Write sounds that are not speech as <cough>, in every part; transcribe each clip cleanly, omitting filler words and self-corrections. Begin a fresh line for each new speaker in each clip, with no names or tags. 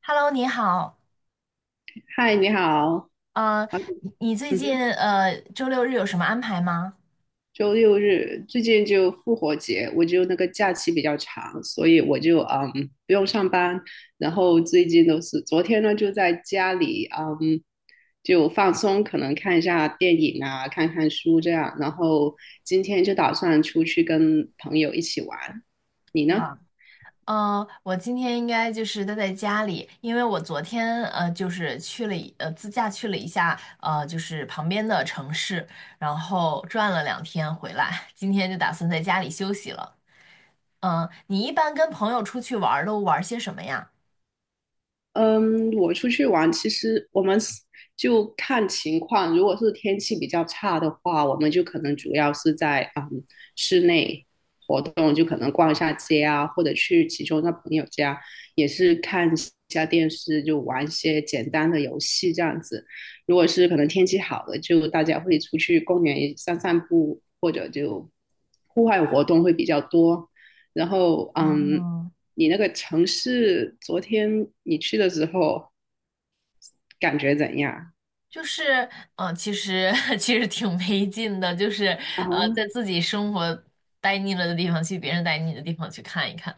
Hello，你好，
嗨，你好。
呃，你最
嗯
近
哼，
周六日有什么安排吗？
周六日最近就复活节，我就那个假期比较长，所以我就不用上班。然后最近都是昨天呢就在家里就放松，可能看一下电影啊，看看书这样。然后今天就打算出去跟朋友一起玩。你呢？
哇，我今天应该就是待在家里，因为我昨天就是去了一呃自驾去了一下就是旁边的城市，然后转了两天回来，今天就打算在家里休息了。你一般跟朋友出去玩儿都玩儿些什么呀？
嗯，我出去玩，其实我们是就看情况。如果是天气比较差的话，我们就可能主要是在室内活动，就可能逛一下街啊，或者去其中的朋友家，也是看一下电视，就玩一些简单的游戏这样子。如果是可能天气好了，就大家会出去公园散散步，或者就户外活动会比较多。然后，嗯，
哦，
你那个城市昨天你去的时候感觉怎样
就是，其实 <laughs> 其实挺没劲的，就是，
啊？
在自己生活待腻了的地方去别人待腻的地方去看一看，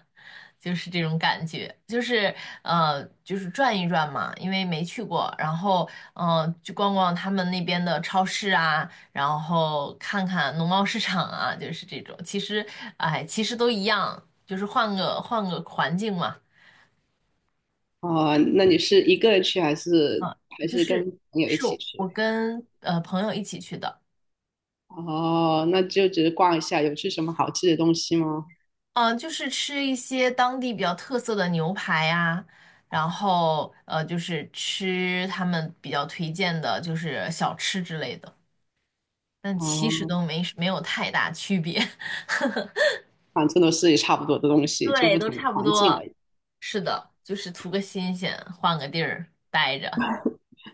就是这种感觉，就是，就是转一转嘛，因为没去过，然后，去逛逛他们那边的超市啊，然后看看农贸市场啊，就是这种，其实，哎，其实都一样，就是换个环境嘛。
哦，那你是一个人去还是
啊、
还
就
是跟
是
朋友一
是
起
我
去？
我跟朋友一起去的。
哦，那就只是逛一下，有吃什么好吃的东西吗？
嗯，就是吃一些当地比较特色的牛排呀，然后就是吃他们比较推荐的，就是小吃之类的，但其实
哦，
都没有太大区别。
反正都是差不多的东
<laughs>
西，就
对，
不
都
同
差不
环境
多。
而已，
是的，就是图个新鲜，换个地儿待着。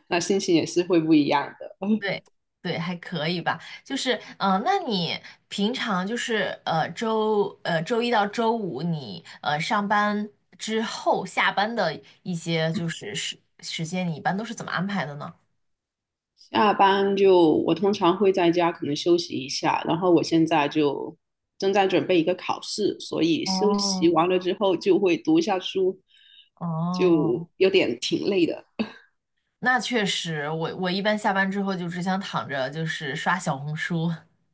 那心情也是会不一样的。<laughs>
对对，还可以吧。就是那你平常就是周一到周五你上班之后下班的一些就是时间，你一般都是怎么安排的呢？
下班就我通常会在家可能休息一下，然后我现在就正在准备一个考试，所以休息
哦，
完了之后就会读一下书，
哦，
就有点挺累的
那确实，我一般下班之后就只想躺着，就是刷小红书。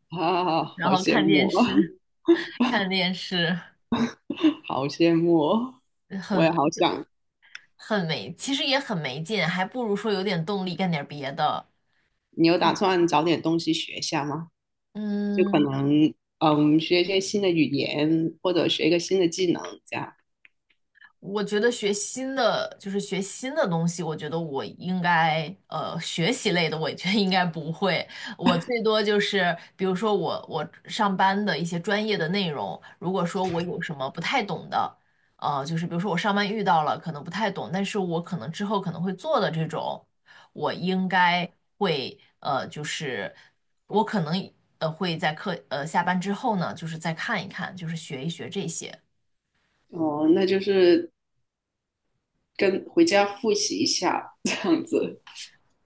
啊，
<laughs> 然
好
后
羡
看电
慕啊，
视，<laughs> 看电视。
<laughs> 好羡慕哦，
呃
我也
很
好想。
很没，其实也很没劲，还不如说有点动力干点别的。
你有打算找点东西学一下吗？就可
嗯，
能嗯，学一些新的语言，或者学一个新的技能这样。
我觉得学新的就是学新的东西，我觉得我应该学习类的，我觉得应该不会。我最多就是比如说我上班的一些专业的内容，如果说我有什么不太懂的，就是比如说我上班遇到了可能不太懂，但是我可能之后可能会做的这种，我应该会就是我可能会在下班之后呢，就是再看一看，就是学一学这些。
哦，那就是跟回家复习一下这样子。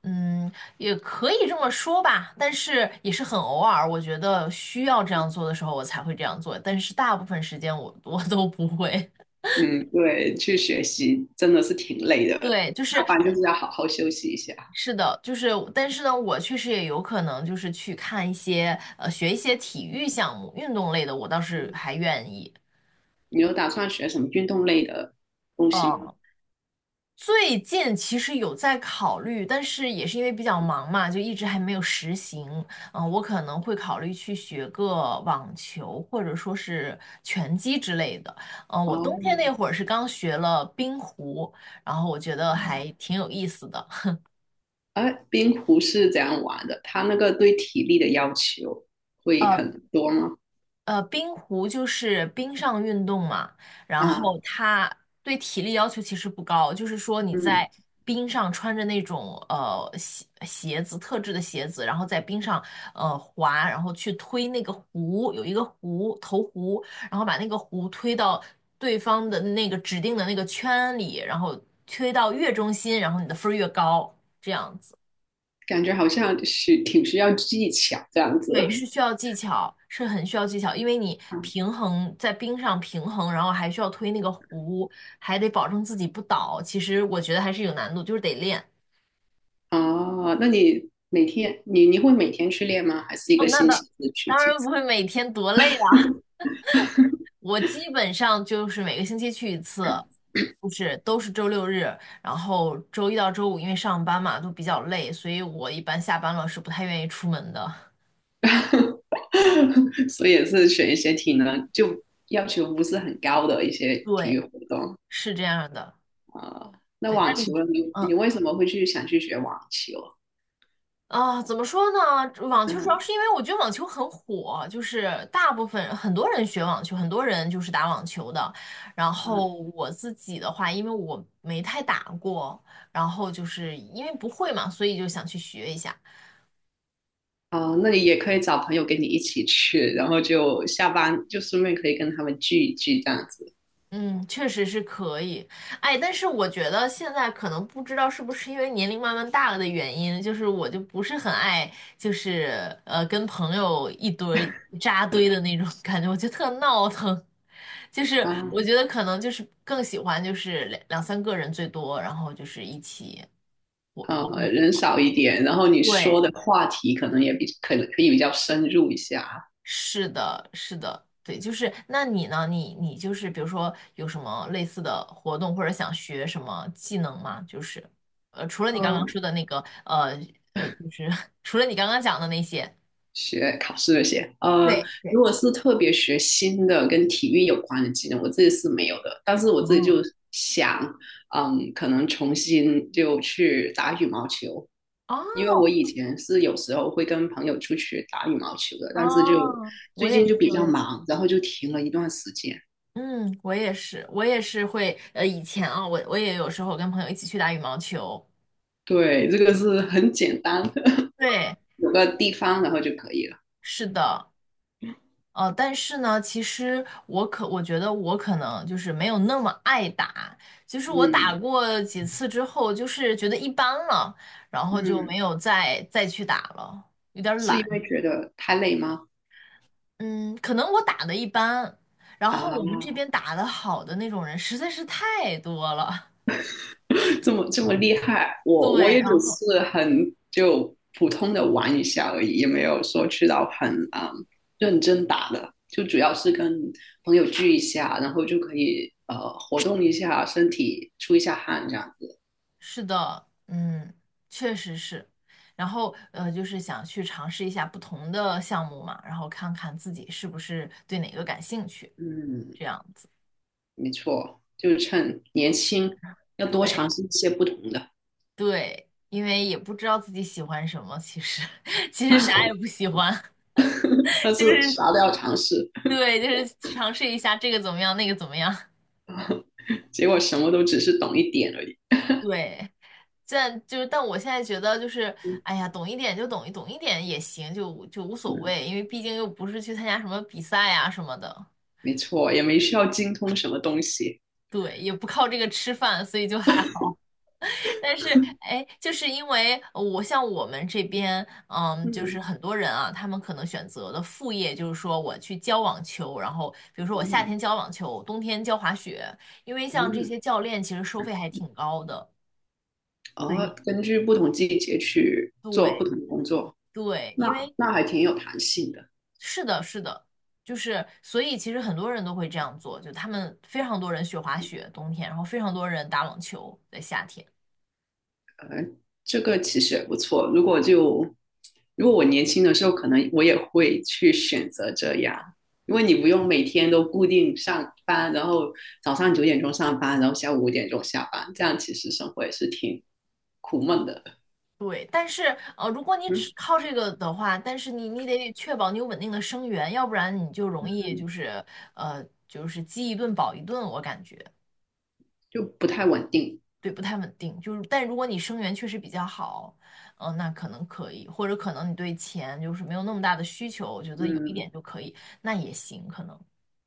嗯，也可以这么说吧，但是也是很偶尔，我觉得需要这样做的时候，我才会这样做，但是大部分时间我都不会。
嗯，对，去学习真的是挺累的，
<laughs> 对，就
下
是
班就是要好好休息一下。
是的，就是但是呢，我确实也有可能就是去看一些学一些体育项目、运动类的，我倒是还愿意。
你有打算学什么运动类的东西吗？
嗯。最近其实有在考虑，但是也是因为比较忙嘛，就一直还没有实行。嗯，我可能会考虑去学个网球，或者说是拳击之类的。嗯，我冬天
哦，
那会儿是刚学了冰壶，然后我觉得
哦，
还挺有意思的。
哎，冰壶是怎样玩的？它那个对体力的要求会很多吗？
冰壶就是冰上运动嘛，然
啊，
后它对体力要求其实不高，就是说你
嗯，
在冰上穿着那种鞋子，特制的鞋子，然后在冰上滑，然后去推那个壶，有一个壶投壶，然后把那个壶推到对方的那个指定的那个圈里，然后推到越中心，然后你的分儿越高，这样子。
感觉好像是挺需要技巧这样子。
对，是
<laughs>
需要技巧，是很需要技巧，因为你
嗯
在冰上平衡，然后还需要推那个壶，还得保证自己不倒。其实我觉得还是有难度，就是得练。
哦，那你每天你会每天去练吗？还是一
哦，
个
那
星
当
期
<laughs>
只去
当
几
然不
次？
会每天多累啊。<laughs> 我基本上就是每个星期去一次，就是都是周六日，然后周一到周五因为上班嘛都比较累，所以我一般下班了是不太愿意出门的。
<laughs> 所以也是选一些体能就要求不是很高的一
<laughs>
些体
对，
育活动
是这样的。
啊、呃那
对，
网
那
球
你？
呢你
嗯。
你为什么会去想去学网球？
啊，怎么说呢？网球主要
嗯
是因为我觉得网球很火，就是大部分很多人学网球，很多人就是打网球的。然后
嗯。
我自己的话，因为我没太打过，然后就是因为不会嘛，所以就想去学一下。
哦，那你也可以找朋友跟你一起去，然后就下班就顺便可以跟他们聚一聚这样子
嗯，确实是可以，哎，但是我觉得现在可能不知道是不是因为年龄慢慢大了的原因，就是我就不是很爱，就是跟朋友一堆儿扎堆的那种 <laughs> 感觉，我觉得特闹腾。就是
啊，
我觉得可能就是更喜欢就是两两三个人最多，然后就是一起活
呃，
动一
人
下。
少一点，然后你说
对，
的话题可能也比可能可以比较深入一下，
是的，是的，对。就是那你呢？你就是比如说有什么类似的活动，或者想学什么技能吗？就是除了你刚刚说
嗯，
的那个，呃就是 <laughs> 除了你刚刚讲的那些。
学考试这些，呃，
对对，
如果是特别学新的跟体育有关的技能，我自己是没有的。但是我自己
哦
就想，嗯，可能重新就去打羽毛球，
哦
因为我以前是有时候会跟朋友出去打羽毛球的，但是就
哦，我
最
也
近
是，
就比
我
较
也是。
忙，然后就停了一段时间。
嗯，我也是，我也是会，以前啊，我也有时候跟朋友一起去打羽毛球。
对，这个是很简单的，
对，
<laughs> 有个地方然后就可以了。
是的，但是呢，其实我觉得我可能就是没有那么爱打，就是我打
嗯
过几次之后，就是觉得一般了，然后就没
嗯，
有再去打了，有点儿
是因为
懒。
觉得太累吗？
嗯，可能我打的一般，然后我们这
啊。
边打的好的那种人实在是太多了。
<laughs> 这么厉害，
<laughs>
我
对，
也只
然后。
是很就普通的玩一下而已，也没有说去到很认真打的，就主要是跟朋友聚一下，然后就可以活动一下身体，出一下汗这样子。
是的，嗯，确实是。然后就是想去尝试一下不同的项目嘛，然后看看自己是不是对哪个感兴趣，
嗯，
这样子。
没错，就是趁年轻要多尝
对
试一些不同的，
对，因为也不知道自己喜欢什么，其实 <laughs> 其实啥也不喜欢，<laughs>
但
就
是
是
啥都要尝试，
对，就是尝试一下这个怎么样，那个怎么样。
结果什么都只是懂一点而已。
对，这就是，但我现在觉得就是，
嗯
哎呀，懂一点就懂一点也行，就无所
嗯，
谓，因为毕竟又不是去参加什么比赛啊什么的。
没错，也没需要精通什么东西。
对，也不靠这个吃饭，所以就还好。但是，哎，就是因为像我们这边，嗯，就是
嗯
很多人啊，他们可能选择的副业就是说我去教网球，然后比如说我夏
嗯
天教网球，冬天教滑雪，因为像这
嗯。
些教练其实收费还挺高的。所
哦，
以
根据不同季节去做不
对
同的工作，
对，
那
因为。
那还挺有弹性的。
是的，是的，就是所以其实很多人都会这样做，就他们非常多人学滑雪冬天，然后非常多人打网球在夏天。
哎，这个其实也不错。如果就如果我年轻的时候，可能我也会去选择这样，因为你不用每天都固定上班，然后早上9点钟上班，然后下午5点钟下班，这样其实生活也是挺苦闷的。
对，但是如果你
嗯，
只靠这个的话，但是你得确保你有稳定的生源，要不然你就容易
嗯
就是呃就是饥一顿饱一顿，我感觉。
就不太稳定。
对，不太稳定。就是但如果你生源确实比较好，那可能可以，或者可能你对钱就是没有那么大的需求，我觉得有一
嗯，
点就可以，那也行，可能。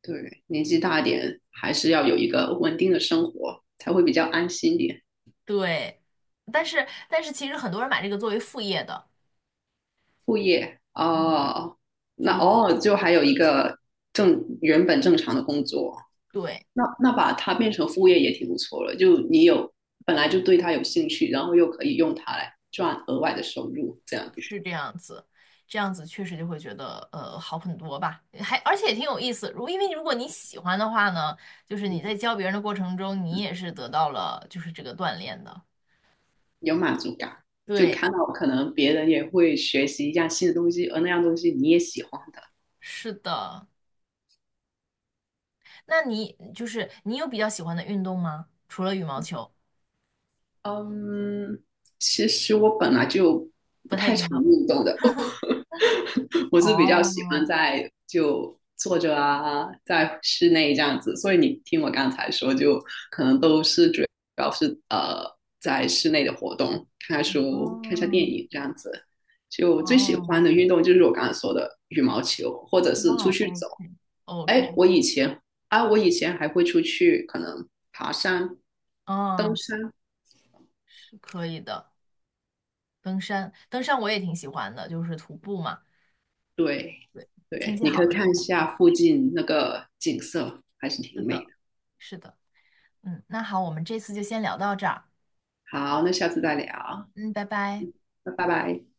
对，年纪大一点还是要有一个稳定的生活，才会比较安心一点。
对，但是其实很多人买这个作为副业的。
副业
嗯，
哦，
就
那
是
偶尔就还有一个正原本正常的工作，
对，
那把它变成副业也挺不错了。就你有本来就对它有兴趣，然后又可以用它来赚额外的收入，这样子，
是这样子，这样子确实就会觉得好很多吧，而且也挺有意思。因为如果你喜欢的话呢，就是你在
嗯
教别人的过程中，你也是得到了就是这个锻炼的。
有满足感。就
对，
看到可能别人也会学习一样新的东西，而那样东西你也喜欢的。
是的。那你就是你有比较喜欢的运动吗？除了羽毛球，
嗯，其实我本来就
不
不
太
太常
运动。
运动的，<laughs> <laughs> 我是比较喜欢
哦，
在就坐着啊，在室内这样子，所以你听我刚才说，就可能都是主要是在室内的活动，看看
哦，
书、看一下电
哦，
影这样子。就最喜
哦
欢的运动就是我刚才说的羽毛球，或者是
哇
出去走。
，OK，OK，
哎，我以前还会出去可能爬山、登
哦。
山，
可以的，登山，登山我也挺喜欢的，就是徒步嘛，
对
天
对，
气
你可
好
以
了就
看一
可以
下
去。
附近那个景色，还是挺美的。
是的，嗯，那好，我们这次就先聊到这儿，
好，那下次再聊，
嗯，拜拜。
那拜拜。